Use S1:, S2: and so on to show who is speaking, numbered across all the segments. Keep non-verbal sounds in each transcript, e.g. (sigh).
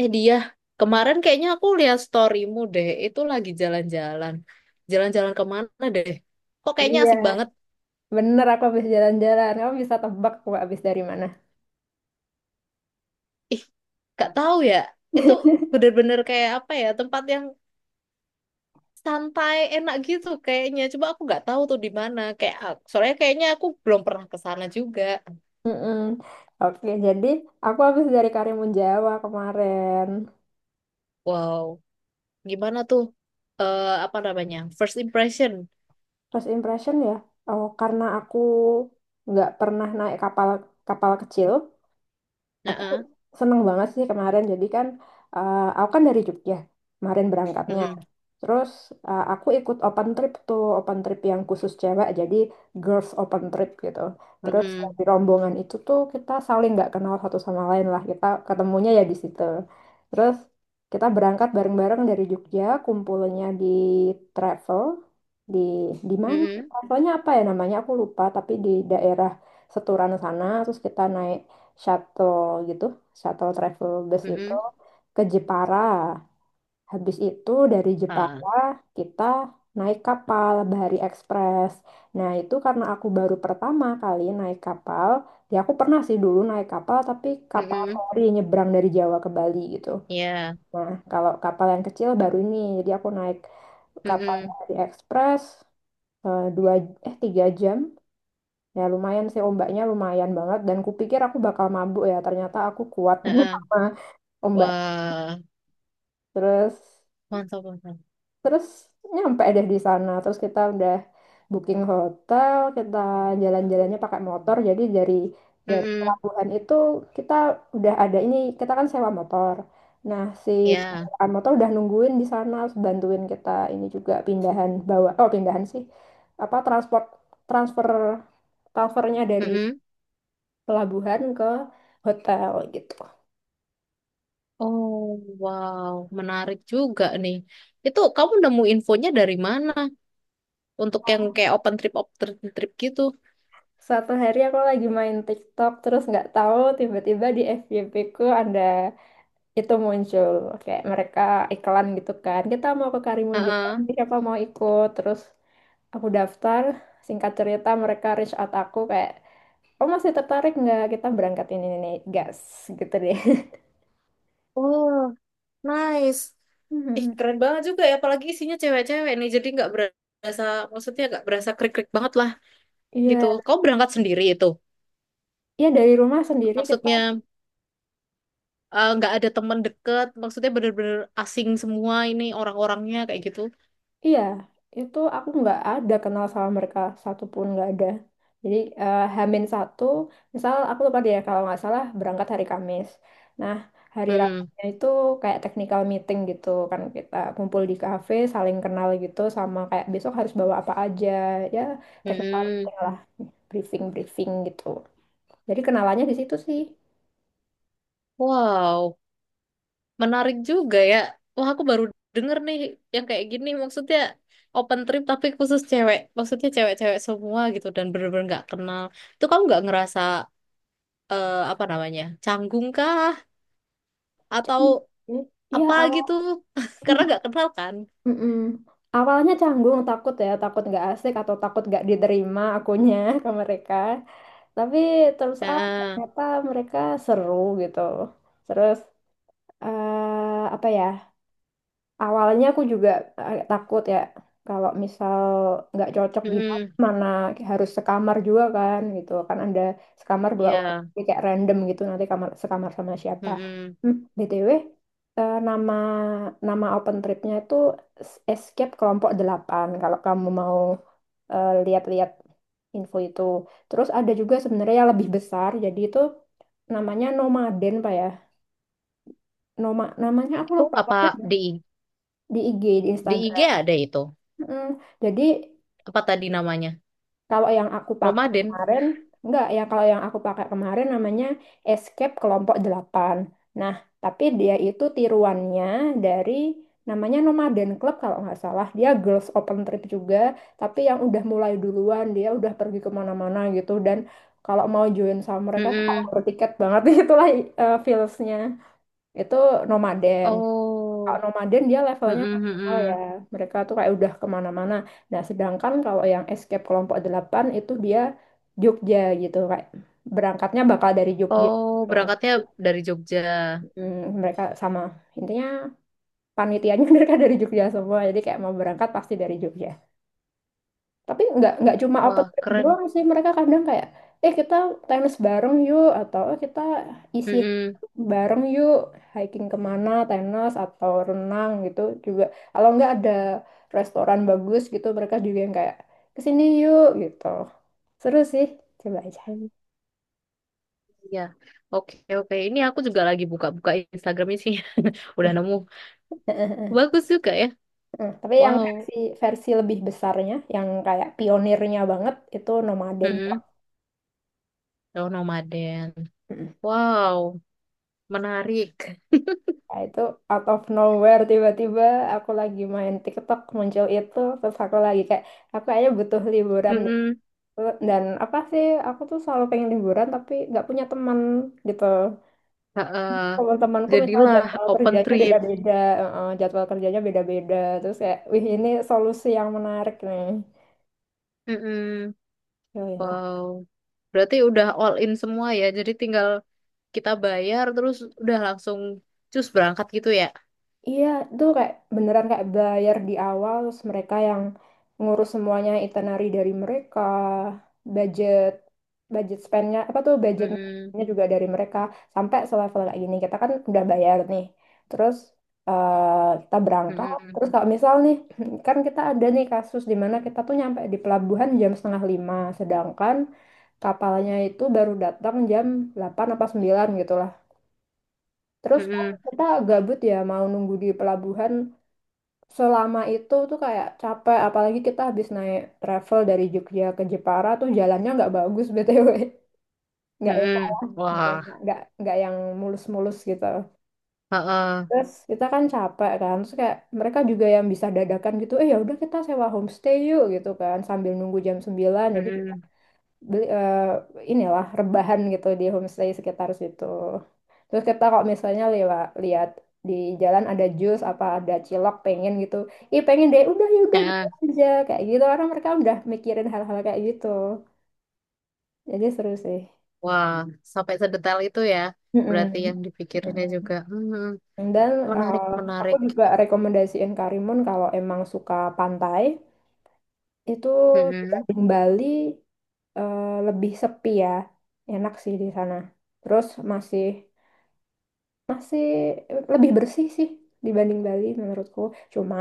S1: Eh dia, kemarin kayaknya aku lihat storymu deh, itu lagi jalan-jalan. Jalan-jalan kemana deh? Kok kayaknya
S2: Iya,
S1: asik banget?
S2: bener aku habis jalan-jalan. Kamu bisa tebak aku habis dari mana? (laughs)
S1: Ih, gak tahu ya. Itu bener-bener kayak apa ya, tempat yang santai, enak gitu kayaknya. Coba aku nggak tahu tuh di mana. Kayak soalnya kayaknya aku belum pernah ke sana juga.
S2: Mm-mm. Oke, jadi aku habis dari Karimun Jawa kemarin.
S1: Wow, gimana tuh? Eh apa namanya? First impression.
S2: First impression ya, oh karena aku nggak pernah naik kapal kapal kecil,
S1: Nah,
S2: aku
S1: ah.
S2: seneng banget sih kemarin. Jadi kan, aku kan dari Jogja kemarin berangkatnya.
S1: Mm-mm.
S2: Terus aku ikut open trip tuh, open trip yang khusus cewek, jadi girls open trip gitu. Terus
S1: Mm-mm.
S2: di rombongan itu tuh kita saling nggak kenal satu sama lain lah, kita ketemunya ya di situ. Terus kita berangkat bareng-bareng dari Jogja, kumpulnya di travel, di di mana?
S1: Mm-mm.
S2: Travelnya apa ya namanya? Aku lupa, tapi di daerah Seturan sana. Terus kita naik shuttle gitu, shuttle travel bus itu
S1: Mm-mm.
S2: ke Jepara. Habis itu dari
S1: Ah.
S2: Jepara kita naik kapal Bahari Express. Nah itu karena aku baru pertama kali naik kapal. Ya aku pernah sih dulu naik kapal tapi kapal
S1: Mm-mm.
S2: feri nyebrang dari Jawa ke Bali gitu.
S1: Ya.
S2: Nah kalau kapal yang kecil baru ini. Jadi aku naik kapal
S1: Mm-mm.
S2: Bahari Express eh, dua eh tiga jam. Ya lumayan sih ombaknya lumayan banget dan kupikir aku bakal mabuk ya ternyata aku kuat (laughs)
S1: Heeh.
S2: sama ombak.
S1: Wah,
S2: Terus
S1: mantap, mantap.
S2: Terus nyampe deh di sana. Terus kita udah booking hotel, kita jalan-jalannya pakai motor. Jadi dari
S1: Mm-mm,
S2: pelabuhan itu kita udah ada ini, kita kan sewa motor. Nah, si
S1: ya.
S2: penyewaan motor udah nungguin di sana, bantuin kita ini juga pindahan bawa, oh pindahan sih, apa transfer transfernya dari
S1: Mm-mm.
S2: pelabuhan ke hotel gitu.
S1: Oh, wow, menarik juga nih. Itu kamu nemu infonya dari mana? Untuk yang kayak open trip gitu.
S2: Suatu hari aku lagi main TikTok terus nggak tahu tiba-tiba di FYP ku ada itu muncul kayak mereka iklan gitu kan kita mau ke Karimun Jawa
S1: Heeh.
S2: siapa mau ikut terus aku daftar singkat cerita mereka reach out aku kayak oh masih tertarik nggak kita berangkat ini nih gas gitu deh. (laughs)
S1: Oh, nice. Ih,
S2: Hmm.
S1: keren banget juga ya. Apalagi isinya cewek-cewek nih. Jadi nggak berasa, maksudnya nggak berasa krik-krik banget lah gitu.
S2: Iya,
S1: Kamu berangkat sendiri itu.
S2: iya dari rumah sendiri kita.
S1: Maksudnya nggak ada teman deket. Maksudnya bener-bener asing semua ini orang-orangnya kayak gitu.
S2: Iya, itu aku nggak ada kenal sama mereka satupun nggak ada. Jadi Hamin satu, misal aku lupa deh ya, kalau nggak salah berangkat hari Kamis. Nah, hari
S1: Mm-mm.
S2: Rabunya itu kayak technical meeting gitu kan kita kumpul di kafe, saling kenal gitu sama kayak besok harus bawa apa aja ya, technical
S1: Mm-mm.
S2: meeting lah, briefing briefing gitu. Jadi kenalannya di situ sih.
S1: Wow, menarik juga ya. Wah, aku baru denger nih yang kayak gini. Maksudnya open trip tapi khusus cewek. Maksudnya cewek-cewek semua gitu dan bener-bener nggak kenal. Itu kamu nggak ngerasa apa namanya canggung kah atau
S2: Jadi, iya
S1: apa
S2: awal.
S1: gitu? (laughs) Karena nggak kenal kan.
S2: Mm-mm. Awalnya canggung, takut ya, takut nggak asik atau takut nggak diterima akunya (laughs) ke mereka. Tapi terus ah
S1: Nah,
S2: ternyata mereka seru gitu. Terus apa ya? Awalnya aku juga agak takut ya kalau misal nggak cocok gimana
S1: mm-mm.
S2: mana harus sekamar juga kan gitu kan ada sekamar dua orang
S1: Iya,
S2: jadi kayak random gitu nanti kamar sekamar sama siapa.
S1: mm-mm.
S2: Hmm, BTW eh, nama nama open tripnya itu Escape Kelompok delapan kalau kamu mau lihat-lihat info itu, terus ada juga sebenarnya yang lebih besar jadi itu namanya Nomaden Pak ya, namanya aku
S1: Itu
S2: lupa
S1: apa
S2: pokoknya,
S1: di
S2: di IG di
S1: di IG
S2: Instagram.
S1: ada itu?
S2: Mm, jadi
S1: Apa tadi namanya?
S2: kalau yang aku pakai
S1: Nomaden.
S2: kemarin, enggak ya kalau yang aku pakai kemarin namanya Escape Kelompok Delapan. Nah, tapi dia itu tiruannya dari namanya Nomaden Club kalau nggak salah. Dia girls open trip juga, tapi yang udah mulai duluan, dia udah pergi kemana-mana gitu. Dan kalau mau join sama mereka tuh kalau
S1: Mm-mm.
S2: bertiket banget (laughs) itulah feels-nya. Itu Nomaden. Kalau
S1: Oh,
S2: nomaden dia levelnya
S1: mm-mm,
S2: nasional ya.
S1: mm-mm.
S2: Mereka tuh kayak udah kemana-mana. Nah, sedangkan kalau yang escape kelompok delapan itu dia Jogja gitu. Kayak berangkatnya bakal dari Jogja
S1: Oh,
S2: gitu.
S1: berangkatnya dari Jogja.
S2: Hmm, mereka sama. Intinya panitianya (laughs) mereka dari Jogja semua. Jadi kayak mau berangkat pasti dari Jogja. Tapi nggak cuma open
S1: Wah,
S2: trip
S1: keren.
S2: doang sih, mereka kadang kayak, kita tenis bareng yuk, atau "Eh, kita isi
S1: Mm-mm.
S2: bareng yuk, hiking kemana, tenis atau renang gitu juga. Kalau nggak ada restoran bagus gitu, mereka juga yang kayak, kesini yuk gitu. Seru sih, coba aja.
S1: Oh, iya. Oke, oke. Ini aku juga lagi buka-buka Instagram sih. (laughs) Udah nemu.
S2: (laughs)
S1: Bagus juga ya.
S2: Hmm, tapi yang
S1: Wow.
S2: versi versi lebih besarnya, yang kayak pionirnya banget, itu nomaden Club.
S1: Mm-mm. Oh, nomaden. Wow, menarik.
S2: Nah, itu out of nowhere tiba-tiba aku lagi main TikTok muncul itu terus aku lagi kayak aku kayaknya butuh liburan deh.
S1: Mm-mm.
S2: Dan apa sih aku tuh selalu pengen liburan tapi nggak punya teman gitu,
S1: Ha-ah.
S2: teman-temanku misalnya
S1: Jadilah
S2: jadwal
S1: open
S2: kerjanya
S1: trip.
S2: beda-beda, jadwal kerjanya beda-beda terus kayak wih ini solusi yang menarik nih,
S1: Mm-mm.
S2: yoi.
S1: Wow. Berarti udah all in semua ya. Jadi tinggal kita bayar terus udah langsung cus berangkat gitu ya.
S2: Iya, itu kayak beneran kayak bayar di awal, terus mereka yang ngurus semuanya, itinerary dari mereka, budget, budget spendnya apa tuh
S1: Mm-mm.
S2: budgetnya juga dari mereka sampai selevel kayak gini. Kita kan udah bayar nih, terus kita berangkat.
S1: Mm-mm.
S2: Terus kalau misal nih, (clears throat) kan kita ada nih kasus di mana kita tuh nyampe di pelabuhan jam setengah lima, sedangkan kapalnya itu baru datang jam 8 apa 9 gitu lah. Terus kan
S1: Mm-mm.
S2: kita gabut ya mau nunggu di pelabuhan selama itu tuh kayak capek apalagi kita habis naik travel dari Jogja ke Jepara tuh jalannya nggak bagus (laughs) BTW nggak enak,
S1: Mm-mm.
S2: nggak
S1: Wah,
S2: enak nggak nggak yang mulus-mulus gitu,
S1: heeh.
S2: terus kita kan capek kan terus kayak mereka juga yang bisa dadakan gitu eh ya udah kita sewa homestay yuk gitu kan sambil nunggu jam 9, jadi
S1: Mm-mm.
S2: beli eh, inilah rebahan gitu di homestay sekitar situ. Terus kita kalau misalnya lewat lihat di jalan ada jus apa ada cilok pengen gitu. Ih pengen deh udah ya udah beli
S1: Heeh.
S2: aja kayak gitu orang mereka udah mikirin hal-hal kayak gitu. Jadi seru sih.
S1: Wah, sampai sedetail itu ya. Berarti
S2: Mm-mm.
S1: yang dipikirinnya
S2: Mm.
S1: juga. Mm-mm.
S2: Dan
S1: Menarik,
S2: eh, aku
S1: menarik.
S2: juga rekomendasiin Karimun kalau emang suka pantai itu
S1: Mm-mm.
S2: dibanding Bali, lebih sepi ya. Enak sih di sana. Terus masih masih lebih bersih sih dibanding Bali menurutku. Cuma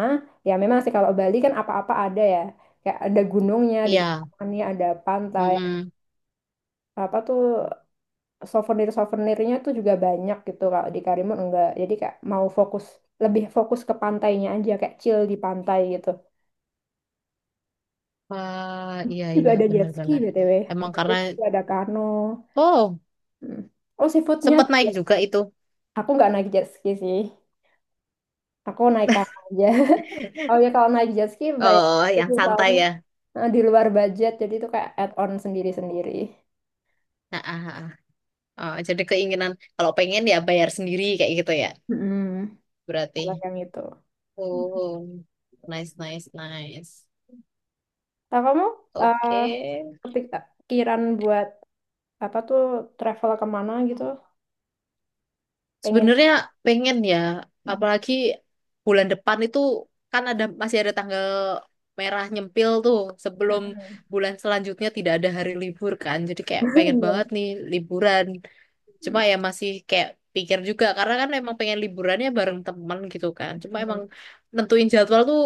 S2: ya memang sih kalau Bali kan apa-apa ada ya. Kayak ada gunungnya, di
S1: Iya.
S2: kepulauannya ada pantai,
S1: Mm-mm.
S2: apa tuh souvenir-souvenirnya tuh juga banyak gitu. Kalau di Karimun enggak. Jadi kayak mau fokus lebih fokus ke pantainya aja kayak chill di pantai gitu.
S1: Wah, iya,
S2: Juga
S1: iya,
S2: ada jet ski
S1: benar-benar.
S2: BTW,
S1: Emang
S2: ada
S1: karena,
S2: jet ski, ada kano.
S1: oh,
S2: Hmm. Oh, seafoodnya
S1: sempat
S2: juga.
S1: naik juga itu.
S2: Aku nggak naik jet ski sih. Aku naik kano aja. (laughs) Oh ya kalau naik jet ski bayar
S1: Oh, yang
S2: itu
S1: santai
S2: soalnya,
S1: ya.
S2: nah, di luar budget, jadi itu kayak add-on sendiri-sendiri.
S1: Nah, ah, ah, ah. Oh, jadi keinginan, kalau pengen ya bayar sendiri kayak gitu ya.
S2: Mm-mm. Kalau
S1: Berarti.
S2: yang itu.
S1: Oh, nice, nice, nice.
S2: Nah, kamu eh,
S1: Oke.
S2: kepikiran buat apa tuh travel kemana gitu? Pengen?
S1: Sebenarnya pengen ya,
S2: Mm.
S1: apalagi bulan depan itu kan ada masih ada tanggal merah nyempil tuh sebelum bulan selanjutnya tidak ada hari libur kan. Jadi kayak
S2: (laughs)
S1: pengen
S2: Iya.
S1: banget nih liburan. Cuma ya masih kayak pikir juga karena kan emang pengen liburannya bareng teman gitu kan. Cuma emang
S2: Mm.
S1: nentuin jadwal tuh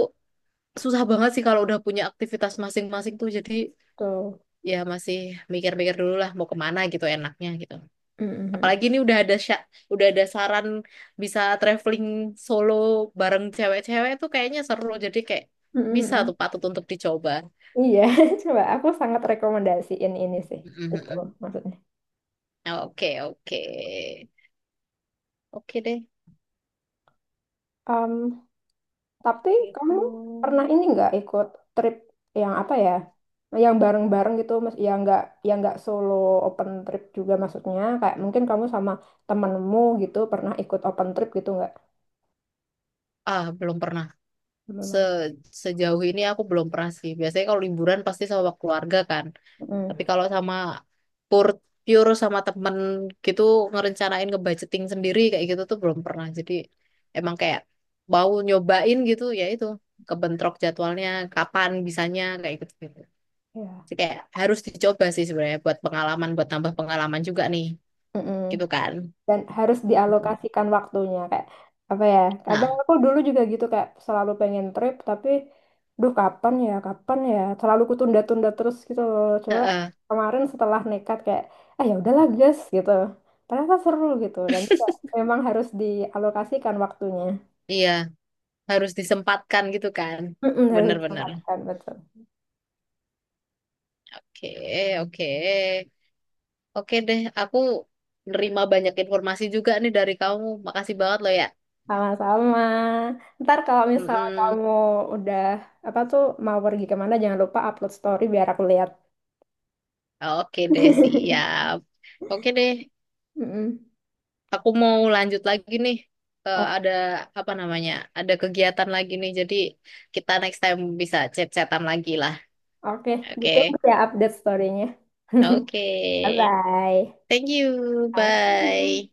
S1: susah banget sih kalau udah punya aktivitas masing-masing tuh. Jadi
S2: Tuh.
S1: ya masih mikir-mikir dulu lah mau kemana gitu enaknya gitu.
S2: Mm-mm.
S1: Apalagi ini udah ada saran bisa traveling solo bareng cewek-cewek tuh kayaknya seru. Jadi kayak bisa
S2: Mm-mm.
S1: tuh patut untuk dicoba.
S2: Iya, (laughs) coba aku sangat rekomendasiin ini sih. Itu
S1: Mhm.
S2: maksudnya.
S1: Oke, oke. Oke deh.
S2: Mmm, tapi kamu
S1: Gitu.
S2: pernah ini nggak ikut trip yang apa ya? Yang bareng-bareng gitu, mas, yang nggak solo open trip juga maksudnya. Kayak mungkin kamu sama temenmu gitu pernah ikut open trip gitu nggak?
S1: Ah, belum pernah. Se-
S2: Belum.
S1: Sejauh ini aku belum pernah sih. Biasanya kalau liburan pasti sama keluarga kan.
S2: Mm.
S1: Tapi kalau sama pure, pure sama temen gitu ngerencanain ngebudgeting sendiri kayak gitu tuh belum pernah. Jadi emang kayak mau nyobain gitu ya itu kebentrok jadwalnya kapan bisanya kayak gitu gitu.
S2: Ya.
S1: Jadi kayak harus dicoba sih sebenarnya buat pengalaman buat tambah pengalaman juga nih
S2: Mm-mm.
S1: gitu kan.
S2: Dan harus dialokasikan waktunya kayak apa ya, kadang
S1: Nah,
S2: aku dulu juga gitu kayak selalu pengen trip tapi duh kapan ya selalu kutunda-tunda terus gitu loh, coba
S1: heeh,
S2: kemarin setelah nekat kayak ah ya udahlah guys gitu ternyata seru gitu dan juga memang harus dialokasikan waktunya.
S1: iya harus disempatkan gitu kan.
S2: Mm-mm, harus
S1: Bener-bener.
S2: disempatkan betul.
S1: Oke, oke. Oke deh, aku nerima banyak informasi juga nih dari kamu. Makasih banget loh ya.
S2: Sama-sama. Ntar kalau misalnya
S1: Mm-mm.
S2: kamu udah apa tuh mau pergi kemana jangan lupa upload story biar aku lihat.
S1: Oke deh,
S2: (laughs)
S1: siap. Oke deh,
S2: Mm-mm.
S1: aku mau lanjut lagi nih. Eh, ada apa namanya? Ada kegiatan lagi nih. Jadi kita next time bisa chat-chatan lagi lah.
S2: Oke,
S1: Oke,
S2: ditunggu ya update story-nya.
S1: oke.
S2: (laughs) Bye-bye.
S1: Thank you.
S2: Sama-sama.
S1: Bye.